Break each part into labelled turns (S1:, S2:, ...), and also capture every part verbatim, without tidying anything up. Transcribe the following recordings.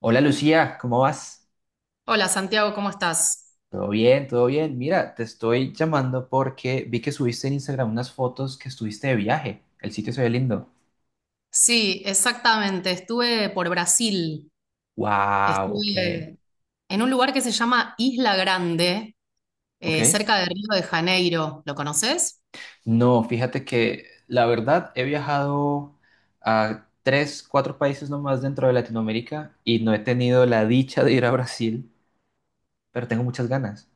S1: Hola Lucía, ¿cómo vas?
S2: Hola Santiago, ¿cómo estás?
S1: ¿Todo bien? ¿Todo bien? Mira, te estoy llamando porque vi que subiste en Instagram unas fotos que estuviste de viaje. El sitio se ve lindo.
S2: Sí, exactamente. Estuve por Brasil.
S1: Wow, ok,
S2: Estuve en un lugar que se llama Isla Grande, eh,
S1: ok.
S2: cerca de Río de Janeiro. ¿Lo conoces?
S1: No, fíjate que la verdad he viajado a tres, cuatro países nomás dentro de Latinoamérica y no he tenido la dicha de ir a Brasil, pero tengo muchas ganas.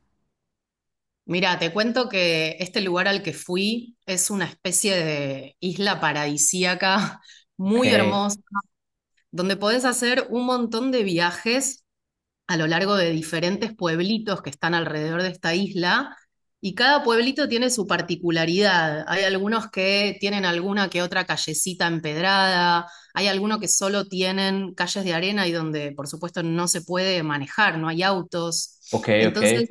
S2: Mira, te cuento que este lugar al que fui es una especie de isla paradisíaca
S1: Ok,
S2: muy hermosa, donde podés hacer un montón de viajes a lo largo de diferentes pueblitos que están alrededor de esta isla. Y cada pueblito tiene su particularidad. Hay algunos que tienen alguna que otra callecita empedrada, hay algunos que solo tienen calles de arena y donde, por supuesto, no se puede manejar, no hay autos.
S1: ok, ok.
S2: Entonces,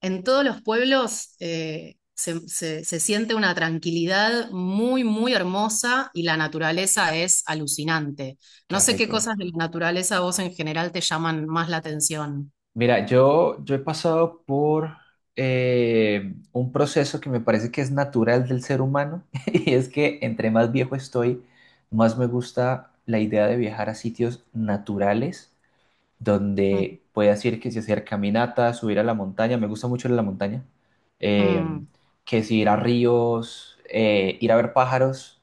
S2: en todos los pueblos eh, se, se- se siente una tranquilidad muy, muy hermosa y la naturaleza es alucinante. No
S1: Qué
S2: sé qué
S1: rico.
S2: cosas de la naturaleza a vos en general te llaman más la atención.
S1: Mira, yo, yo he pasado por eh, un proceso que me parece que es natural del ser humano y es que entre más viejo estoy, más me gusta la idea de viajar a sitios naturales
S2: Mm,
S1: donde puedas ir que si hacer caminatas, subir a la montaña, me gusta mucho ir a la montaña, eh,
S2: mm,
S1: que si ir a ríos, eh, ir a ver pájaros,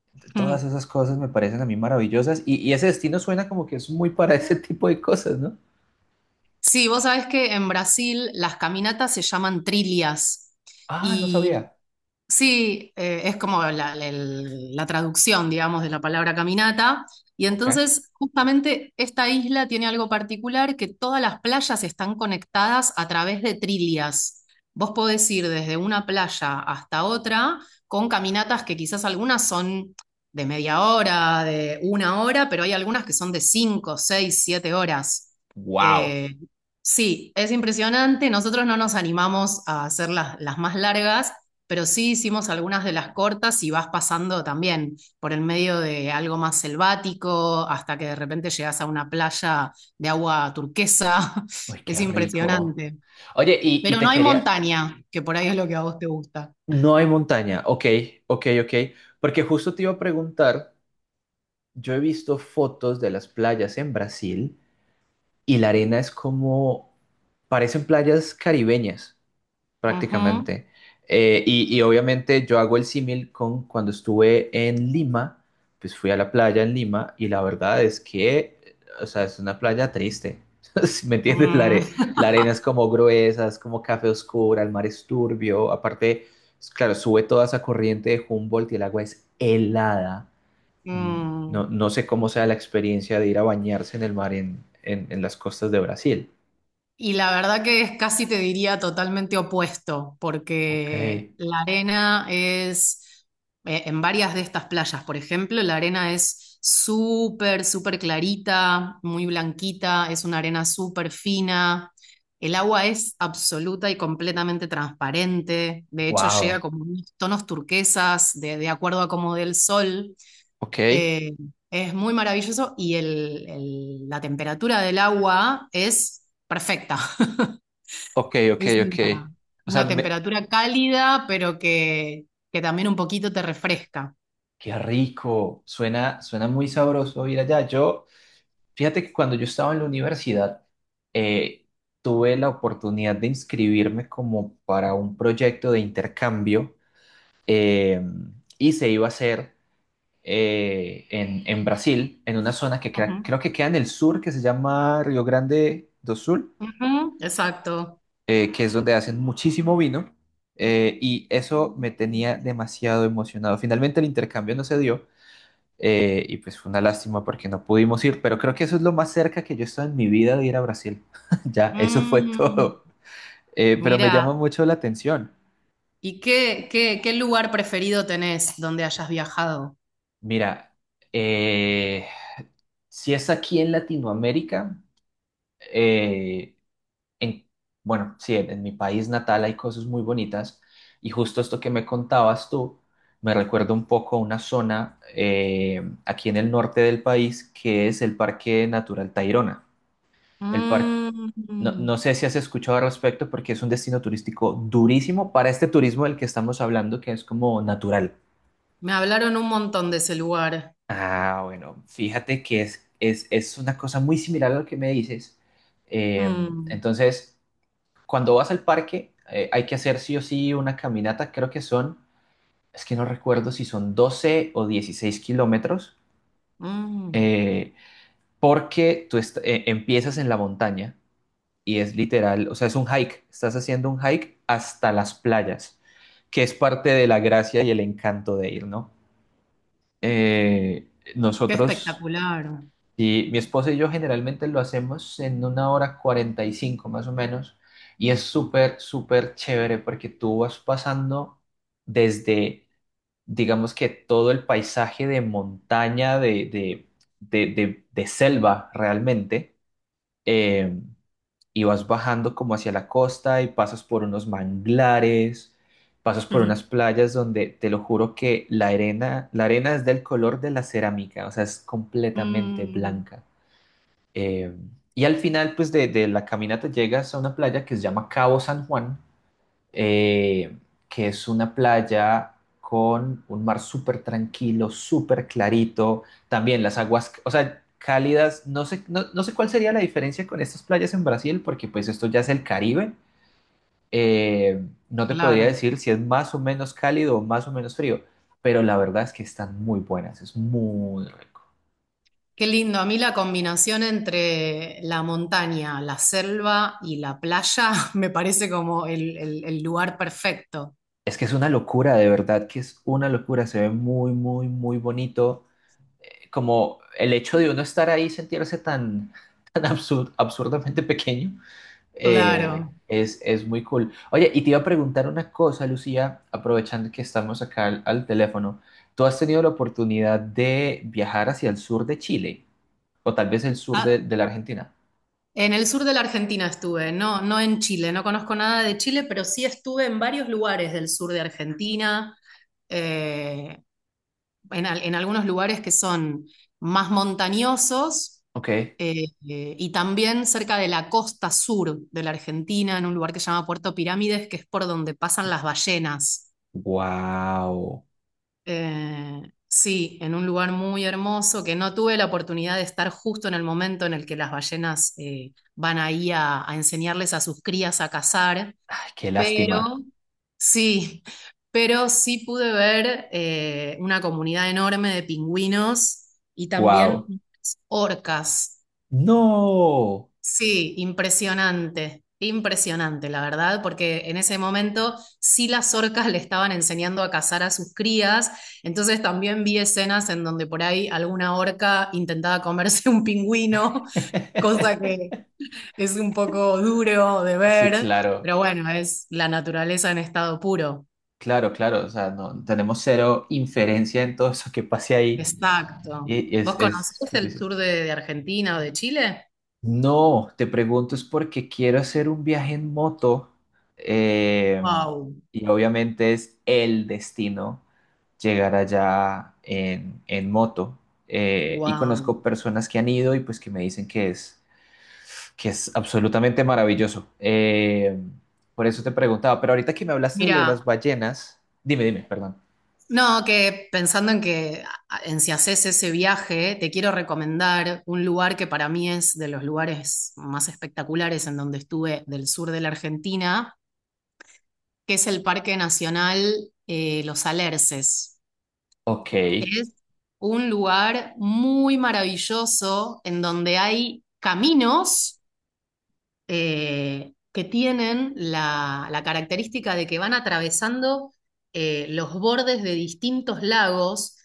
S1: todas
S2: mm.
S1: esas cosas me parecen a mí maravillosas y, y ese destino suena como que es muy para ese tipo de cosas, ¿no?
S2: Sí, vos sabés que en Brasil las caminatas se llaman trilhas
S1: Ah, no
S2: y
S1: sabía.
S2: sí, eh, es como la, la- el- la traducción, digamos, de la palabra caminata. Y
S1: Ok.
S2: entonces, justamente esta isla tiene algo particular, que todas las playas están conectadas a través de trilias. Vos podés ir desde una playa hasta otra con caminatas que quizás algunas son de media hora, de una hora, pero hay algunas que son de cinco, seis, siete horas.
S1: Wow.
S2: Eh, sí, es impresionante. Nosotros no nos animamos a hacer las las más largas, pero sí hicimos algunas de las cortas y vas pasando también por el medio de algo más selvático hasta que de repente llegas a una playa de agua turquesa.
S1: Uy,
S2: Es
S1: qué rico.
S2: impresionante.
S1: Oye, y, y
S2: Pero
S1: te
S2: no hay
S1: quería.
S2: montaña, que por ahí es lo que a vos te gusta.
S1: No hay montaña. Ok, ok, ok. Porque justo te iba a preguntar, yo he visto fotos de las playas en Brasil y la arena es como, parecen playas caribeñas.
S2: Ujú.
S1: prácticamente. Eh, y, y obviamente yo hago el símil con cuando estuve en Lima, pues fui a la playa en Lima y la verdad es que, o sea, es una playa triste. Si me entiendes, la,
S2: Mm.
S1: are- la arena es como gruesa, es como café oscura, el mar es turbio. Aparte, es- claro, sube toda esa corriente de Humboldt y el agua es helada. Mm,
S2: Mm.
S1: No, no sé cómo sea la experiencia de ir a bañarse en el mar en, en en las costas de Brasil.
S2: Y la verdad que es, casi te diría, totalmente opuesto,
S1: Ok,
S2: porque la arena es, eh, en varias de estas playas, por ejemplo, la arena es súper, súper clarita, muy blanquita, es una arena súper fina, el agua es absoluta y completamente transparente, de hecho llega
S1: wow.
S2: como unos tonos turquesas, de, de acuerdo a cómo dé el sol.
S1: Ok.
S2: eh, es muy maravilloso y el- el- la temperatura del agua es perfecta.
S1: Ok, ok,
S2: Es
S1: ok.
S2: una,
S1: O sea,
S2: una
S1: me-
S2: temperatura cálida, pero que, que también un poquito te refresca.
S1: qué rico. Suena, suena muy sabroso ir allá. Yo, fíjate que cuando yo estaba en la universidad, eh, tuve la oportunidad de inscribirme como para un proyecto de intercambio eh, y se iba a hacer eh, en, en Brasil, en una zona que crea-
S2: Ujú,
S1: creo que queda en el sur, que se llama Río Grande do Sul.
S2: ujú, exacto.
S1: eh, que es donde hacen muchísimo vino, eh, y eso me tenía demasiado emocionado. Finalmente el intercambio no se dio, eh, y pues fue una lástima porque no pudimos ir, pero creo que eso es lo más cerca que yo he estado en mi vida de ir a Brasil. Ya, eso fue
S2: Mm,
S1: todo. Eh, pero me llama
S2: mira,
S1: mucho la atención.
S2: ¿y qué, qué, qué lugar preferido tenés donde hayas viajado?
S1: Mira, eh, si es aquí en Latinoamérica, eh, en, bueno, sí, en, en mi país natal hay cosas muy bonitas y justo esto que me contabas tú me recuerda un poco a una zona eh, aquí en el norte del país que es el Parque Natural Tayrona. El par- no,
S2: Mm,
S1: no sé si has escuchado al respecto porque es un destino turístico durísimo para este turismo del que estamos hablando que es como natural.
S2: me hablaron un montón de ese lugar.
S1: Ah, bueno, fíjate que es, es, es una cosa muy similar a lo que me dices. Eh,
S2: Mm,
S1: entonces... cuando vas al parque, eh, hay que hacer sí o sí una caminata, creo que son, es que no recuerdo si son doce o dieciséis kilómetros,
S2: mm,
S1: eh, porque tú est- eh, empiezas en la montaña y es literal, o sea, es un hike, estás haciendo un hike hasta las playas, que es parte de la gracia y el encanto de ir, ¿no? Eh,
S2: qué
S1: nosotros
S2: espectacular.
S1: Y mi esposa y yo generalmente lo hacemos en una hora cuarenta y cinco más o menos. Y es súper, súper chévere porque tú vas pasando desde, digamos que todo el paisaje de montaña, de, de, de, de- de selva realmente. eh, y vas bajando como hacia la costa y pasas por unos manglares, pasas por
S2: Ujú.
S1: unas playas donde te lo juro que la arena, la arena es del color de la cerámica, o sea, es completamente
S2: Mm,
S1: blanca. Eh, y al final, pues, de, de la caminata llegas a una playa que se llama Cabo San Juan, eh, que es una playa con un mar súper tranquilo, súper clarito. También las aguas, o sea, cálidas. No sé, no, no sé cuál sería la diferencia con estas playas en Brasil, porque pues esto ya es el Caribe. Eh, no te podría
S2: claro.
S1: decir si es más o menos cálido o más o menos frío, pero la verdad es que están muy buenas, es muy rico.
S2: Qué lindo, a mí la combinación entre la montaña, la selva y la playa me parece como el, el- el lugar perfecto.
S1: Es que es una locura, de verdad que es una locura, se ve muy, muy, muy bonito. Como el hecho de uno estar ahí y sentirse tan, tan absur- absurdamente pequeño, eh,
S2: Claro.
S1: es, es muy cool. Oye, y te iba a preguntar una cosa, Lucía, aprovechando que estamos acá al, al teléfono. ¿Tú has tenido la oportunidad de viajar hacia el sur de Chile o tal vez el sur de,
S2: Ah,
S1: de la Argentina?
S2: en el sur de la Argentina estuve, no, no en Chile, no conozco nada de Chile, pero sí estuve en varios lugares del sur de Argentina, eh, en, al- en algunos lugares que son más montañosos.
S1: Ok.
S2: Eh, eh, y también cerca de la costa sur de la Argentina, en un lugar que se llama Puerto Pirámides, que es por donde pasan las ballenas.
S1: Wow.
S2: Eh, sí, en un lugar muy hermoso que no tuve la oportunidad de estar justo en el momento en el que las ballenas eh, van ahí a, a enseñarles a sus crías a cazar,
S1: Ay, qué
S2: pero
S1: lástima.
S2: sí, pero sí pude ver eh, una comunidad enorme de pingüinos y
S1: Wow.
S2: también orcas.
S1: No.
S2: Sí, impresionante, impresionante, la verdad, porque en ese momento sí las orcas le estaban enseñando a cazar a sus crías, entonces también vi escenas en donde por ahí alguna orca intentaba comerse un pingüino, cosa que es un poco duro de
S1: Sí,
S2: ver,
S1: claro,
S2: pero bueno, es la naturaleza en estado puro.
S1: claro, claro. O sea, no tenemos cero inferencia en todo eso que pase ahí
S2: Exacto.
S1: y
S2: ¿Vos
S1: es, es
S2: conocés el
S1: difícil.
S2: sur de, de Argentina o de Chile?
S1: No, te pregunto es porque quiero hacer un viaje en moto eh,
S2: Wow,
S1: y obviamente es el destino llegar allá en, en moto. Eh, y
S2: wow.
S1: conozco personas que han ido y pues que me dicen que es, que es absolutamente maravilloso. Eh, por eso te preguntaba, pero ahorita que me hablaste de lo de las
S2: Mira.
S1: ballenas, dime, dime, perdón.
S2: No, que pensando en que, en si haces ese viaje, te quiero recomendar un lugar que para mí es de los lugares más espectaculares en donde estuve del sur de la Argentina, que es el Parque Nacional eh, Los Alerces.
S1: Ok,
S2: Es un lugar muy maravilloso en donde hay caminos, eh, que tienen la, la característica de que van atravesando eh, los bordes de distintos lagos,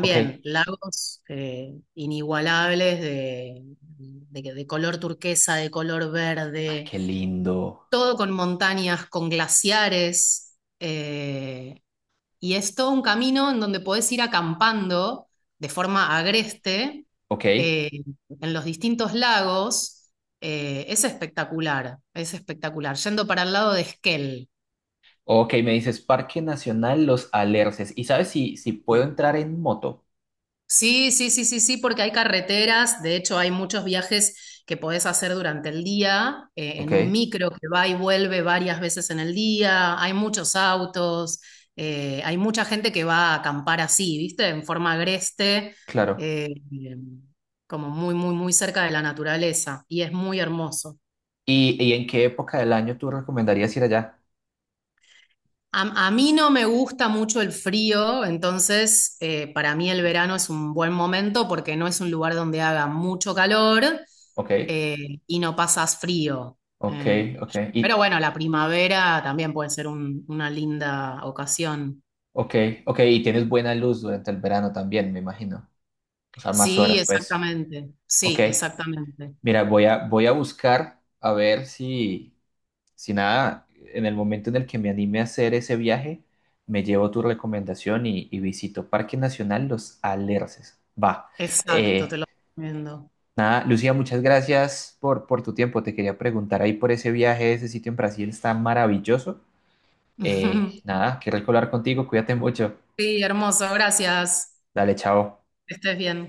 S1: ok.
S2: lagos eh, inigualables de, de- de color turquesa, de color
S1: Ah,
S2: verde,
S1: qué lindo.
S2: todo con montañas, con glaciares. Eh, y es todo un camino en donde podés ir acampando de forma agreste
S1: Ok,
S2: eh, en los distintos lagos. Eh, es espectacular, es espectacular. Yendo para el lado de Esquel.
S1: ok. Me dices Parque Nacional Los Alerces. ¿Y sabes si, si puedo entrar en moto?
S2: Sí, sí, sí, sí, sí, porque hay carreteras, de hecho hay muchos viajes que podés hacer durante el día, eh,
S1: Ok,
S2: en un micro que va y vuelve varias veces en el día, hay muchos autos, eh, hay mucha gente que va a acampar así, ¿viste? En forma agreste,
S1: claro.
S2: eh, como muy, muy, muy cerca de la naturaleza, y es muy hermoso.
S1: ¿Y, y en qué época del año tú recomendarías ir allá?
S2: A, a mí no me gusta mucho el frío, entonces eh, para mí el verano es un buen momento porque no es un lugar donde haga mucho calor,
S1: Ok,
S2: eh, y no pasas frío.
S1: ok,
S2: Eh,
S1: ok.
S2: pero
S1: Y,
S2: bueno, la primavera también puede ser un- una linda ocasión.
S1: ok, ok. Y tienes buena luz durante el verano también, me imagino. O sea, más
S2: Sí,
S1: horas, pues.
S2: exactamente.
S1: Ok.
S2: Sí, exactamente.
S1: Mira, voy a, voy a buscar a ver si. Si nada, en el momento en el que me anime a hacer ese viaje, me llevo tu recomendación y, y visito Parque Nacional Los Alerces. Va.
S2: Exacto, te
S1: Eh,
S2: lo recomiendo.
S1: nada, Lucía, muchas gracias por, por tu tiempo. Te quería preguntar ahí por ese viaje, ese sitio en Brasil está maravilloso. Eh, nada, qué rico hablar contigo, cuídate mucho.
S2: Sí, hermoso, gracias.
S1: Dale, chao.
S2: Que estés bien.